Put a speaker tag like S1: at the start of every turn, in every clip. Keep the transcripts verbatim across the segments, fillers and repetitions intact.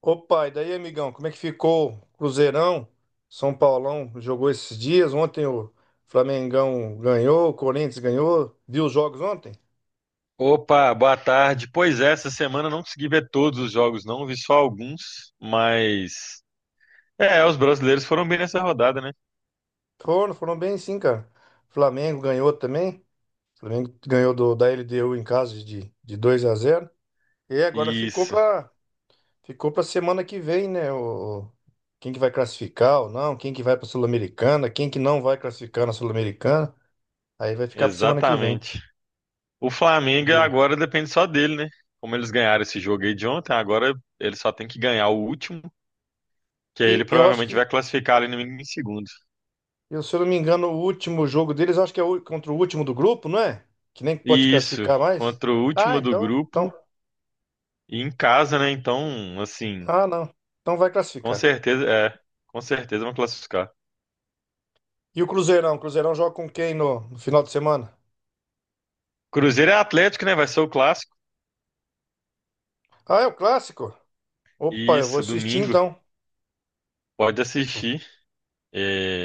S1: Opa, e daí, amigão, como é que ficou o Cruzeirão? São Paulão jogou esses dias. Ontem o Flamengão ganhou, o Corinthians ganhou. Viu os jogos ontem?
S2: Opa, boa tarde. Pois é, essa semana eu não consegui ver todos os jogos, não, vi só alguns, mas é, os brasileiros foram bem nessa rodada, né?
S1: Foram, foram bem sim, cara. Flamengo ganhou também. Flamengo ganhou do, da L D U em casa de, de dois a zero. E agora ficou
S2: Isso,
S1: pra, ficou pra semana que vem, né? O, o- quem que vai classificar ou não, quem que vai pra Sul-Americana, quem que não vai classificar na Sul-Americana. Aí vai ficar pra semana que vem.
S2: exatamente. O Flamengo
S1: E,
S2: agora depende só dele, né? Como eles ganharam esse jogo aí de ontem, agora ele só tem que ganhar o último, que aí ele
S1: e eu acho
S2: provavelmente
S1: que
S2: vai classificar ali no mínimo em segundo.
S1: Eu, se eu não me engano, o último jogo deles, acho que é o- contra o último do grupo, não é? Que nem pode
S2: Isso,
S1: classificar mais.
S2: contra o
S1: Ah,
S2: último do
S1: então,
S2: grupo
S1: então,
S2: e em casa, né? Então, assim,
S1: ah, não. Então vai
S2: com
S1: classificar.
S2: certeza, é, com certeza vão classificar.
S1: E o Cruzeirão? O Cruzeirão joga com quem no, no final de semana?
S2: Cruzeiro é Atlético, né? Vai ser o clássico.
S1: Ah, é o clássico? Opa, eu vou
S2: Isso,
S1: assistir
S2: domingo.
S1: então.
S2: Pode assistir.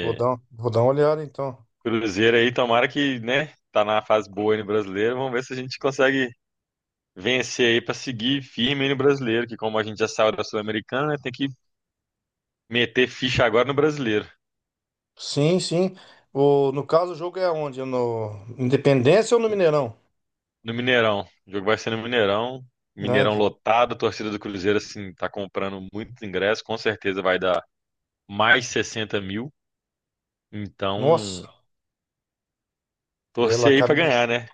S1: Vou dar, um- vou dar uma olhada então.
S2: Cruzeiro aí, tomara que, né, tá na fase boa aí no brasileiro. Vamos ver se a gente consegue vencer aí pra seguir firme aí no brasileiro, que como a gente já saiu da Sul-Americana, né, tem que meter ficha agora no brasileiro,
S1: Sim, sim. O, no caso, o jogo é onde? No Independência ou no Mineirão?
S2: no Mineirão. O jogo vai ser no Mineirão.
S1: Né?
S2: Mineirão lotado, a torcida do Cruzeiro assim tá comprando muitos ingressos, com certeza vai dar mais sessenta mil. Então,
S1: Nossa, ela
S2: torcer aí pra
S1: acaba.
S2: ganhar, né?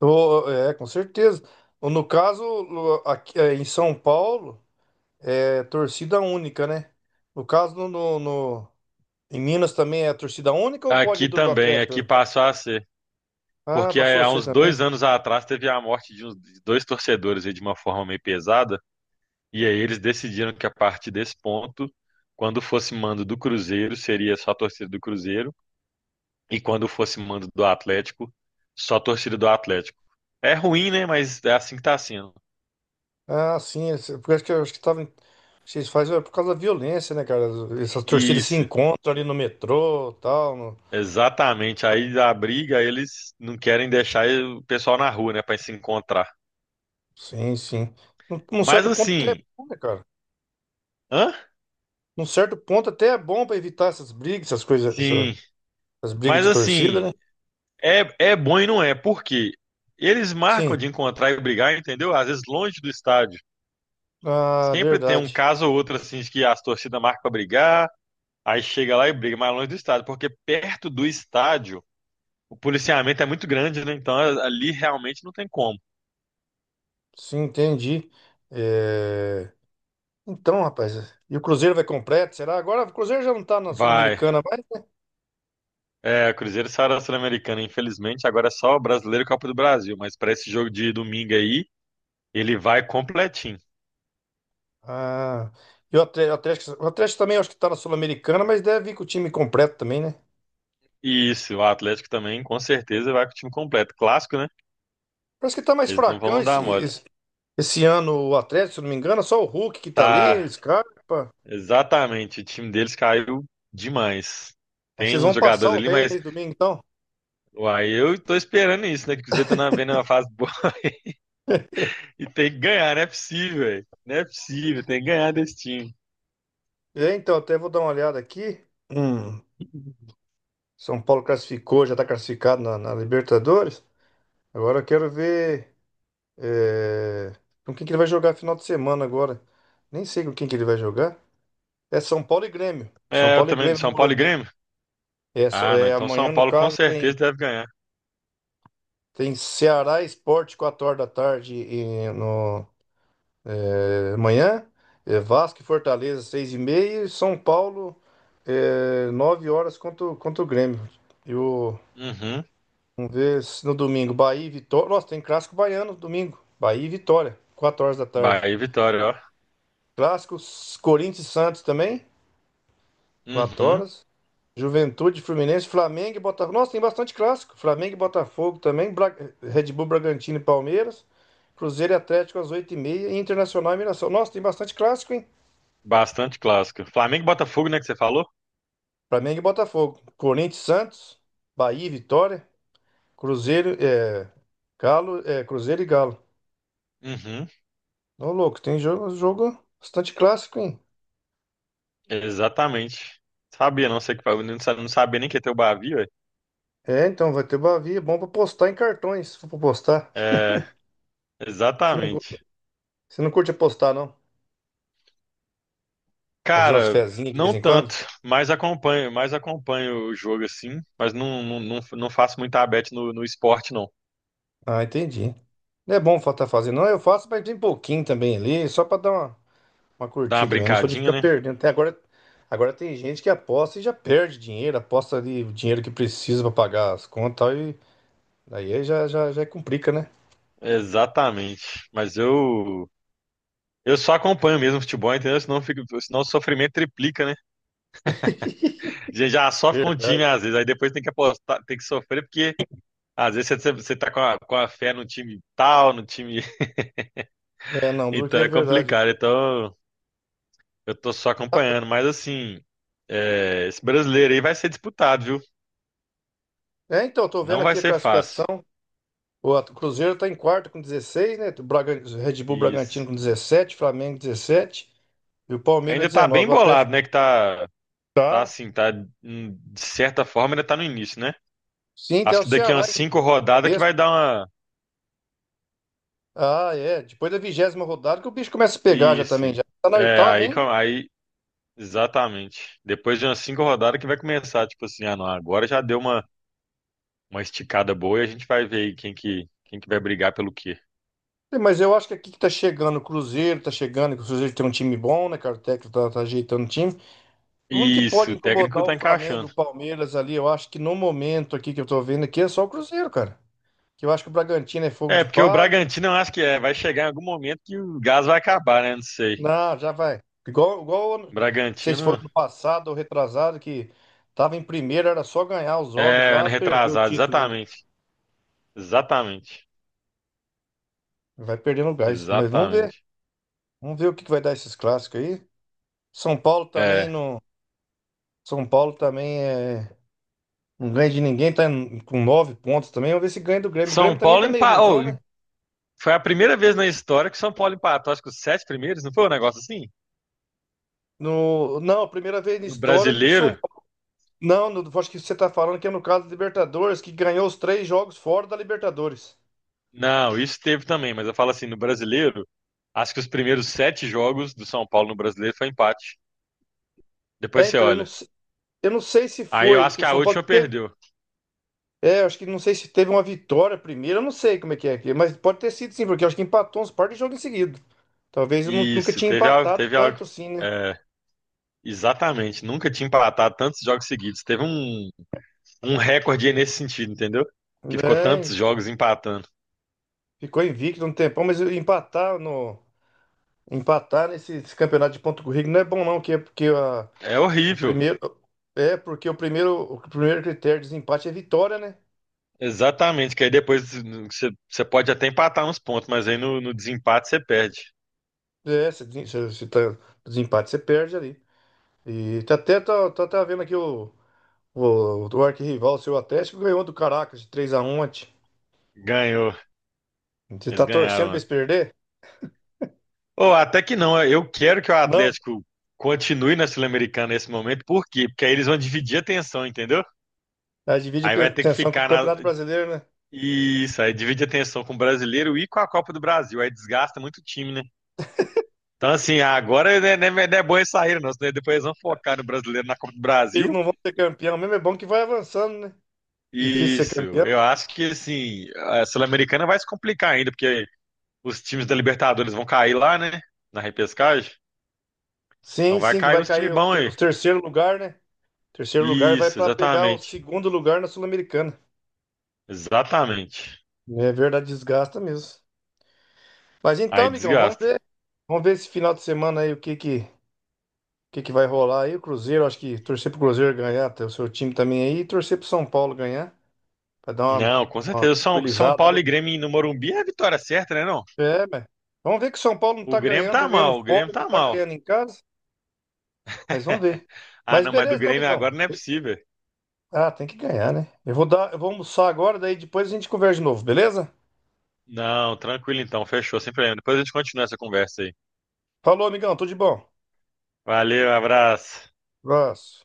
S1: Ô, é, com certeza. Ou no caso, o- aqui, é, em São Paulo. É torcida única, né? No caso, no, no- no- em Minas também é torcida única ou pode ir
S2: Aqui
S1: do, do
S2: também, aqui
S1: Atlético?
S2: passou a ser.
S1: Ah,
S2: Porque
S1: passou
S2: é,
S1: a
S2: há
S1: ser
S2: uns
S1: também.
S2: dois anos atrás teve a morte de, uns, de dois torcedores aí de uma forma meio pesada. E aí eles decidiram que a partir desse ponto, quando fosse mando do Cruzeiro, seria só a torcida do Cruzeiro. E quando fosse mando do Atlético, só a torcida do Atlético. É ruim, né? Mas é assim que tá sendo.
S1: Ah, sim. esse- Porque acho que, acho que tava, em- vocês fazem é por causa da violência, né, cara? Essas torcidas se
S2: Isso,
S1: encontram ali no metrô tal. no-
S2: exatamente. Aí a briga, eles não querem deixar o pessoal na rua, né? Pra se encontrar.
S1: Sim, sim. Num, num
S2: Mas
S1: certo ponto até é
S2: assim.
S1: bom, né, cara?
S2: Hã?
S1: Num certo ponto até é bom pra evitar essas brigas, essas coisas, essa-
S2: Sim.
S1: essas brigas
S2: Mas
S1: de torcida,
S2: assim,
S1: né?
S2: É, é bom e não é, porque eles marcam
S1: Sim.
S2: de encontrar e brigar, entendeu? Às vezes longe do estádio.
S1: Ah,
S2: Sempre tem um
S1: verdade.
S2: caso ou outro assim de que as torcidas marcam pra brigar, aí chega lá e briga, mas longe do estádio, porque perto do estádio o policiamento é muito grande, né? Então ali realmente não tem como.
S1: Sim, entendi. É... Então, rapaz, e o Cruzeiro vai completo, será? Agora o Cruzeiro já não tá na
S2: Vai.
S1: Sul-Americana mais, né?
S2: É, Cruzeiro saiu da Sul-Americana, infelizmente, agora é só Brasileiro e Copa do Brasil, mas para esse jogo de domingo aí, ele vai completinho.
S1: Ah, e o Atlético, o Atlético o Atlético também acho que tá na Sul-Americana, mas deve vir com o time completo também, né?
S2: E Isso, o Atlético também, com certeza, vai com o time completo. Clássico, né?
S1: Parece que tá mais
S2: Eles não
S1: fracão
S2: vão
S1: esse,
S2: dar mole.
S1: esse, esse ano o Atlético, se eu não me engano, é só o Hulk que tá ali,
S2: Tá,
S1: Scarpa.
S2: exatamente. O time deles caiu demais.
S1: Aí
S2: Tem
S1: vocês
S2: uns
S1: vão passar
S2: jogadores
S1: o
S2: ali,
S1: rei
S2: mas
S1: nesse domingo, então.
S2: uai, eu tô esperando isso, né? Que o Cruzeiro tá na- vendo uma fase boa e tem que ganhar, não é possível, velho. Não é possível, tem que ganhar desse time.
S1: É, então, até vou dar uma olhada aqui. Hum, São Paulo classificou, já tá classificado na, na Libertadores. Agora eu quero ver. É, Com quem que ele vai jogar final de semana agora? Nem sei com quem que ele vai jogar. É São Paulo e Grêmio. São
S2: É, eu
S1: Paulo e
S2: também, do
S1: Grêmio no
S2: São Paulo e
S1: Morumbi.
S2: Grêmio?
S1: É, só-
S2: Ah, não,
S1: é,
S2: então São
S1: amanhã, no
S2: Paulo com
S1: caso, tem,
S2: certeza deve ganhar.
S1: tem Ceará Esporte, quatro horas da tarde e no, é, amanhã. É, Vasco e Fortaleza, seis e meia. E São Paulo, é, nove horas contra, o- contra o Grêmio. E o,
S2: Uhum,
S1: Vamos ver se no domingo, Bahia e Vitória. Nossa, tem clássico baiano no domingo. Bahia e Vitória, quatro horas da tarde.
S2: Bahia e Vitória, ó.
S1: Clássicos Corinthians e Santos também. Quatro
S2: Uhum,
S1: horas. Juventude, Fluminense, Flamengo e Botafogo. Nossa, tem bastante clássico. Flamengo e Botafogo também. Bra- Red Bull, Bragantino e Palmeiras. Cruzeiro e Atlético às oito e meia. E Internacional e Mirassol. Nossa, tem bastante clássico, hein?
S2: bastante clássico. Flamengo e Botafogo, né, que você falou?
S1: Flamengo e Botafogo. Corinthians e Santos. Bahia e Vitória. Cruzeiro, é, Galo, é, Cruzeiro e Galo.
S2: Uhum,
S1: Ô, louco, tem jogo, jogo bastante clássico, hein?
S2: exatamente. Sabia, não sei que não sa- não sabia nem que ia ter o Bavi, velho.
S1: É, então, vai ter Bavia. Bom pra postar em cartões, se for pra postar.
S2: É,
S1: Você não, cu-
S2: exatamente.
S1: você não curte apostar, não? Fazer umas
S2: Cara,
S1: fezinhas de
S2: não
S1: vez em
S2: tanto,
S1: quando?
S2: mas acompanho, mas acompanho o jogo assim, mas não, não, não, não faço muita bet no, no esporte, não.
S1: Ah, entendi. Não é bom estar fazendo, não. Eu faço, mas tem pouquinho também ali, só para dar uma, uma,
S2: Dá uma
S1: curtida mesmo. Não sou de
S2: brincadinha,
S1: ficar
S2: né?
S1: perdendo. Até agora, agora tem gente que aposta e já perde dinheiro, aposta ali o dinheiro que precisa para pagar as contas e tal, e daí já, já, já complica, né?
S2: Exatamente. Mas eu eu só acompanho mesmo futebol, entendeu? Senão, fica, senão o sofrimento triplica, né? Já, já sofre com o
S1: Verdade.
S2: time às vezes, aí depois tem que apostar, tem que sofrer, porque às vezes você, você tá com a, com a fé no time tal, no time.
S1: É, não, duro que
S2: Então
S1: é
S2: é
S1: verdade.
S2: complicado. Então eu tô só
S1: Ah,
S2: acompanhando, mas assim, é, esse brasileiro aí vai ser disputado, viu?
S1: É, então, tô vendo
S2: Não vai
S1: aqui a
S2: ser fácil.
S1: classificação. O at- Cruzeiro tá em quarto com dezesseis, né? O Bragan- o Red Bull
S2: Isso.
S1: Bragantino com dezessete, Flamengo dezessete e o Palmeiras
S2: Ainda tá bem
S1: dezenove. O
S2: bolado,
S1: Atlético
S2: né? Que tá, tá
S1: tá.
S2: assim, tá hum, de certa forma ainda tá no início, né?
S1: Sim, até
S2: Acho
S1: o
S2: que daqui
S1: Ceará
S2: umas
S1: em
S2: cinco rodadas que
S1: sexto.
S2: vai dar uma.
S1: Ah, é. Depois da vigésima rodada que o bicho começa a pegar já
S2: Isso.
S1: também. Já tá na
S2: É,
S1: oitava
S2: aí,
S1: ainda.
S2: com- aí, exatamente. Depois de umas cinco rodadas que vai começar, tipo assim, ah, não, agora já deu uma, uma, esticada boa e a gente vai ver aí quem que, quem que vai brigar pelo quê.
S1: Mas eu acho que aqui que tá chegando o Cruzeiro, tá chegando, que o Cruzeiro tem um time bom, né, cara? O técnico tá, tá ajeitando o time. O único que pode
S2: Isso, o
S1: incomodar
S2: técnico
S1: o
S2: tá
S1: Flamengo, o
S2: encaixando.
S1: Palmeiras ali, eu acho que no momento aqui que eu tô vendo aqui é só o Cruzeiro, cara. Que eu acho que o Bragantino é fogo
S2: É,
S1: de
S2: porque o
S1: palha.
S2: Bragantino eu acho que é, vai chegar em algum momento que o gás vai acabar, né? Não sei.
S1: Não, já vai. Igual, igual, ano- não sei se foi
S2: Bragantino.
S1: ano passado ou retrasado, que tava em primeiro, era só ganhar os jogos
S2: É,
S1: lá,
S2: ano
S1: perdeu o
S2: retrasado,
S1: título, né?
S2: exatamente. Exatamente.
S1: Vai perdendo o gás, mas vamos ver.
S2: Exatamente.
S1: Vamos ver o que que vai dar esses clássicos aí. São Paulo também
S2: É.
S1: não. São Paulo também é. Não ganha de ninguém, tá em- com nove pontos também. Vamos ver se ganha do Grêmio. O Grêmio
S2: São
S1: também
S2: Paulo
S1: tá meio ruinzão,
S2: empatou,
S1: né?
S2: foi a primeira vez na história que São Paulo empatou, acho que os sete primeiros, não foi um negócio assim?
S1: No... Não, a primeira vez na
S2: No
S1: história que o São
S2: brasileiro?
S1: Paulo. Não, no- acho que você tá falando que é no caso da Libertadores, que ganhou os três jogos fora da Libertadores.
S2: Não, isso teve também, mas eu falo assim, no brasileiro, acho que os primeiros sete jogos do São Paulo no brasileiro foi empate. Depois
S1: É,
S2: você
S1: então, eu não,
S2: olha.
S1: se- eu não sei se
S2: Aí eu
S1: foi
S2: acho
S1: que
S2: que
S1: o
S2: a
S1: São Paulo
S2: última
S1: teve.
S2: perdeu.
S1: É, acho que não sei se teve uma vitória primeiro, eu não sei como é que é aqui, mas pode ter sido sim, porque eu acho que empatou uns par de jogos em seguida. Talvez eu nu- nunca
S2: Isso,
S1: tinha
S2: teve algo,
S1: empatado
S2: teve algo.
S1: tanto assim, né?
S2: É, exatamente. Nunca tinha empatado tantos jogos seguidos. Teve um, um recorde nesse sentido, entendeu? Que ficou
S1: É,
S2: tantos jogos empatando.
S1: ficou invicto um tempão, mas empatar no empatar nesse, esse campeonato de ponto corrido não é bom não, que é porque a,
S2: É
S1: o
S2: horrível.
S1: primeiro é porque o primeiro o primeiro critério de desempate é vitória, né?
S2: Exatamente, que aí depois você você pode até empatar uns pontos, mas aí no, no desempate você perde.
S1: É, se, desen- se, se tá desempate você perde ali. E tá até tá, tá, tá vendo aqui o o, o arquirrival, o seu Atlético ganhou do Caracas de três a um ontem.
S2: Ganhou.
S1: Você
S2: Eles
S1: tá torcendo pra
S2: ganharam
S1: eles
S2: ontem.
S1: perder?
S2: Ou até que não, eu quero que o
S1: Não.
S2: Atlético continue na Sul-Americana nesse momento, por quê? Porque aí eles vão dividir a atenção, entendeu?
S1: Aí divide
S2: Aí
S1: a
S2: vai ter que
S1: atenção com o
S2: ficar na.
S1: Campeonato Brasileiro, né?
S2: Isso, aí divide a atenção com o brasileiro e com a Copa do Brasil. Aí desgasta muito o time, né? Então, assim, agora não é, não é- não é bom eles saírem, não, senão depois eles vão focar no brasileiro na Copa do Brasil.
S1: Eles não vão ser campeão mesmo, é bom que vai avançando, né? Difícil ser
S2: Isso,
S1: campeão.
S2: eu acho que, assim, a Sul-Americana vai se complicar ainda, porque os times da Libertadores vão cair lá, né, na repescagem. Então
S1: Sim,
S2: vai
S1: sim, que
S2: cair
S1: vai
S2: uns times
S1: cair o,
S2: bons
S1: ter- o
S2: aí.
S1: terceiro lugar, né? Terceiro lugar vai
S2: Isso,
S1: para pegar o
S2: exatamente.
S1: segundo lugar na Sul-Americana.
S2: Exatamente.
S1: É verdade, desgasta mesmo. Mas então,
S2: Aí
S1: amigão, vamos
S2: desgasta.
S1: ver. Vamos ver esse final de semana aí o que que, o que que vai rolar aí. O Cruzeiro, acho que torcer pro Cruzeiro ganhar, ter o seu time também aí, e torcer pro São Paulo ganhar, pra dar uma
S2: Não, com certeza. São, São
S1: tranquilizada
S2: Paulo e
S1: ali.
S2: Grêmio no Morumbi é a vitória certa, né, não?
S1: É, mas vamos ver que o São Paulo não tá
S2: O Grêmio
S1: ganhando, tá
S2: tá
S1: ganhando
S2: mal, o Grêmio
S1: fora, não
S2: tá
S1: tá
S2: mal.
S1: ganhando em casa, mas vamos ver.
S2: Ah,
S1: Mas
S2: não, mas do
S1: beleza, então,
S2: Grêmio
S1: amigão.
S2: agora não é possível.
S1: Ah, tem que ganhar, né? Eu vou dar, eu vou almoçar agora, daí depois a gente conversa de novo, beleza?
S2: Não, tranquilo então, fechou, sem problema. Depois a gente continua essa conversa aí.
S1: Falou, amigão, tudo de bom.
S2: Valeu, abraço.
S1: Abraço.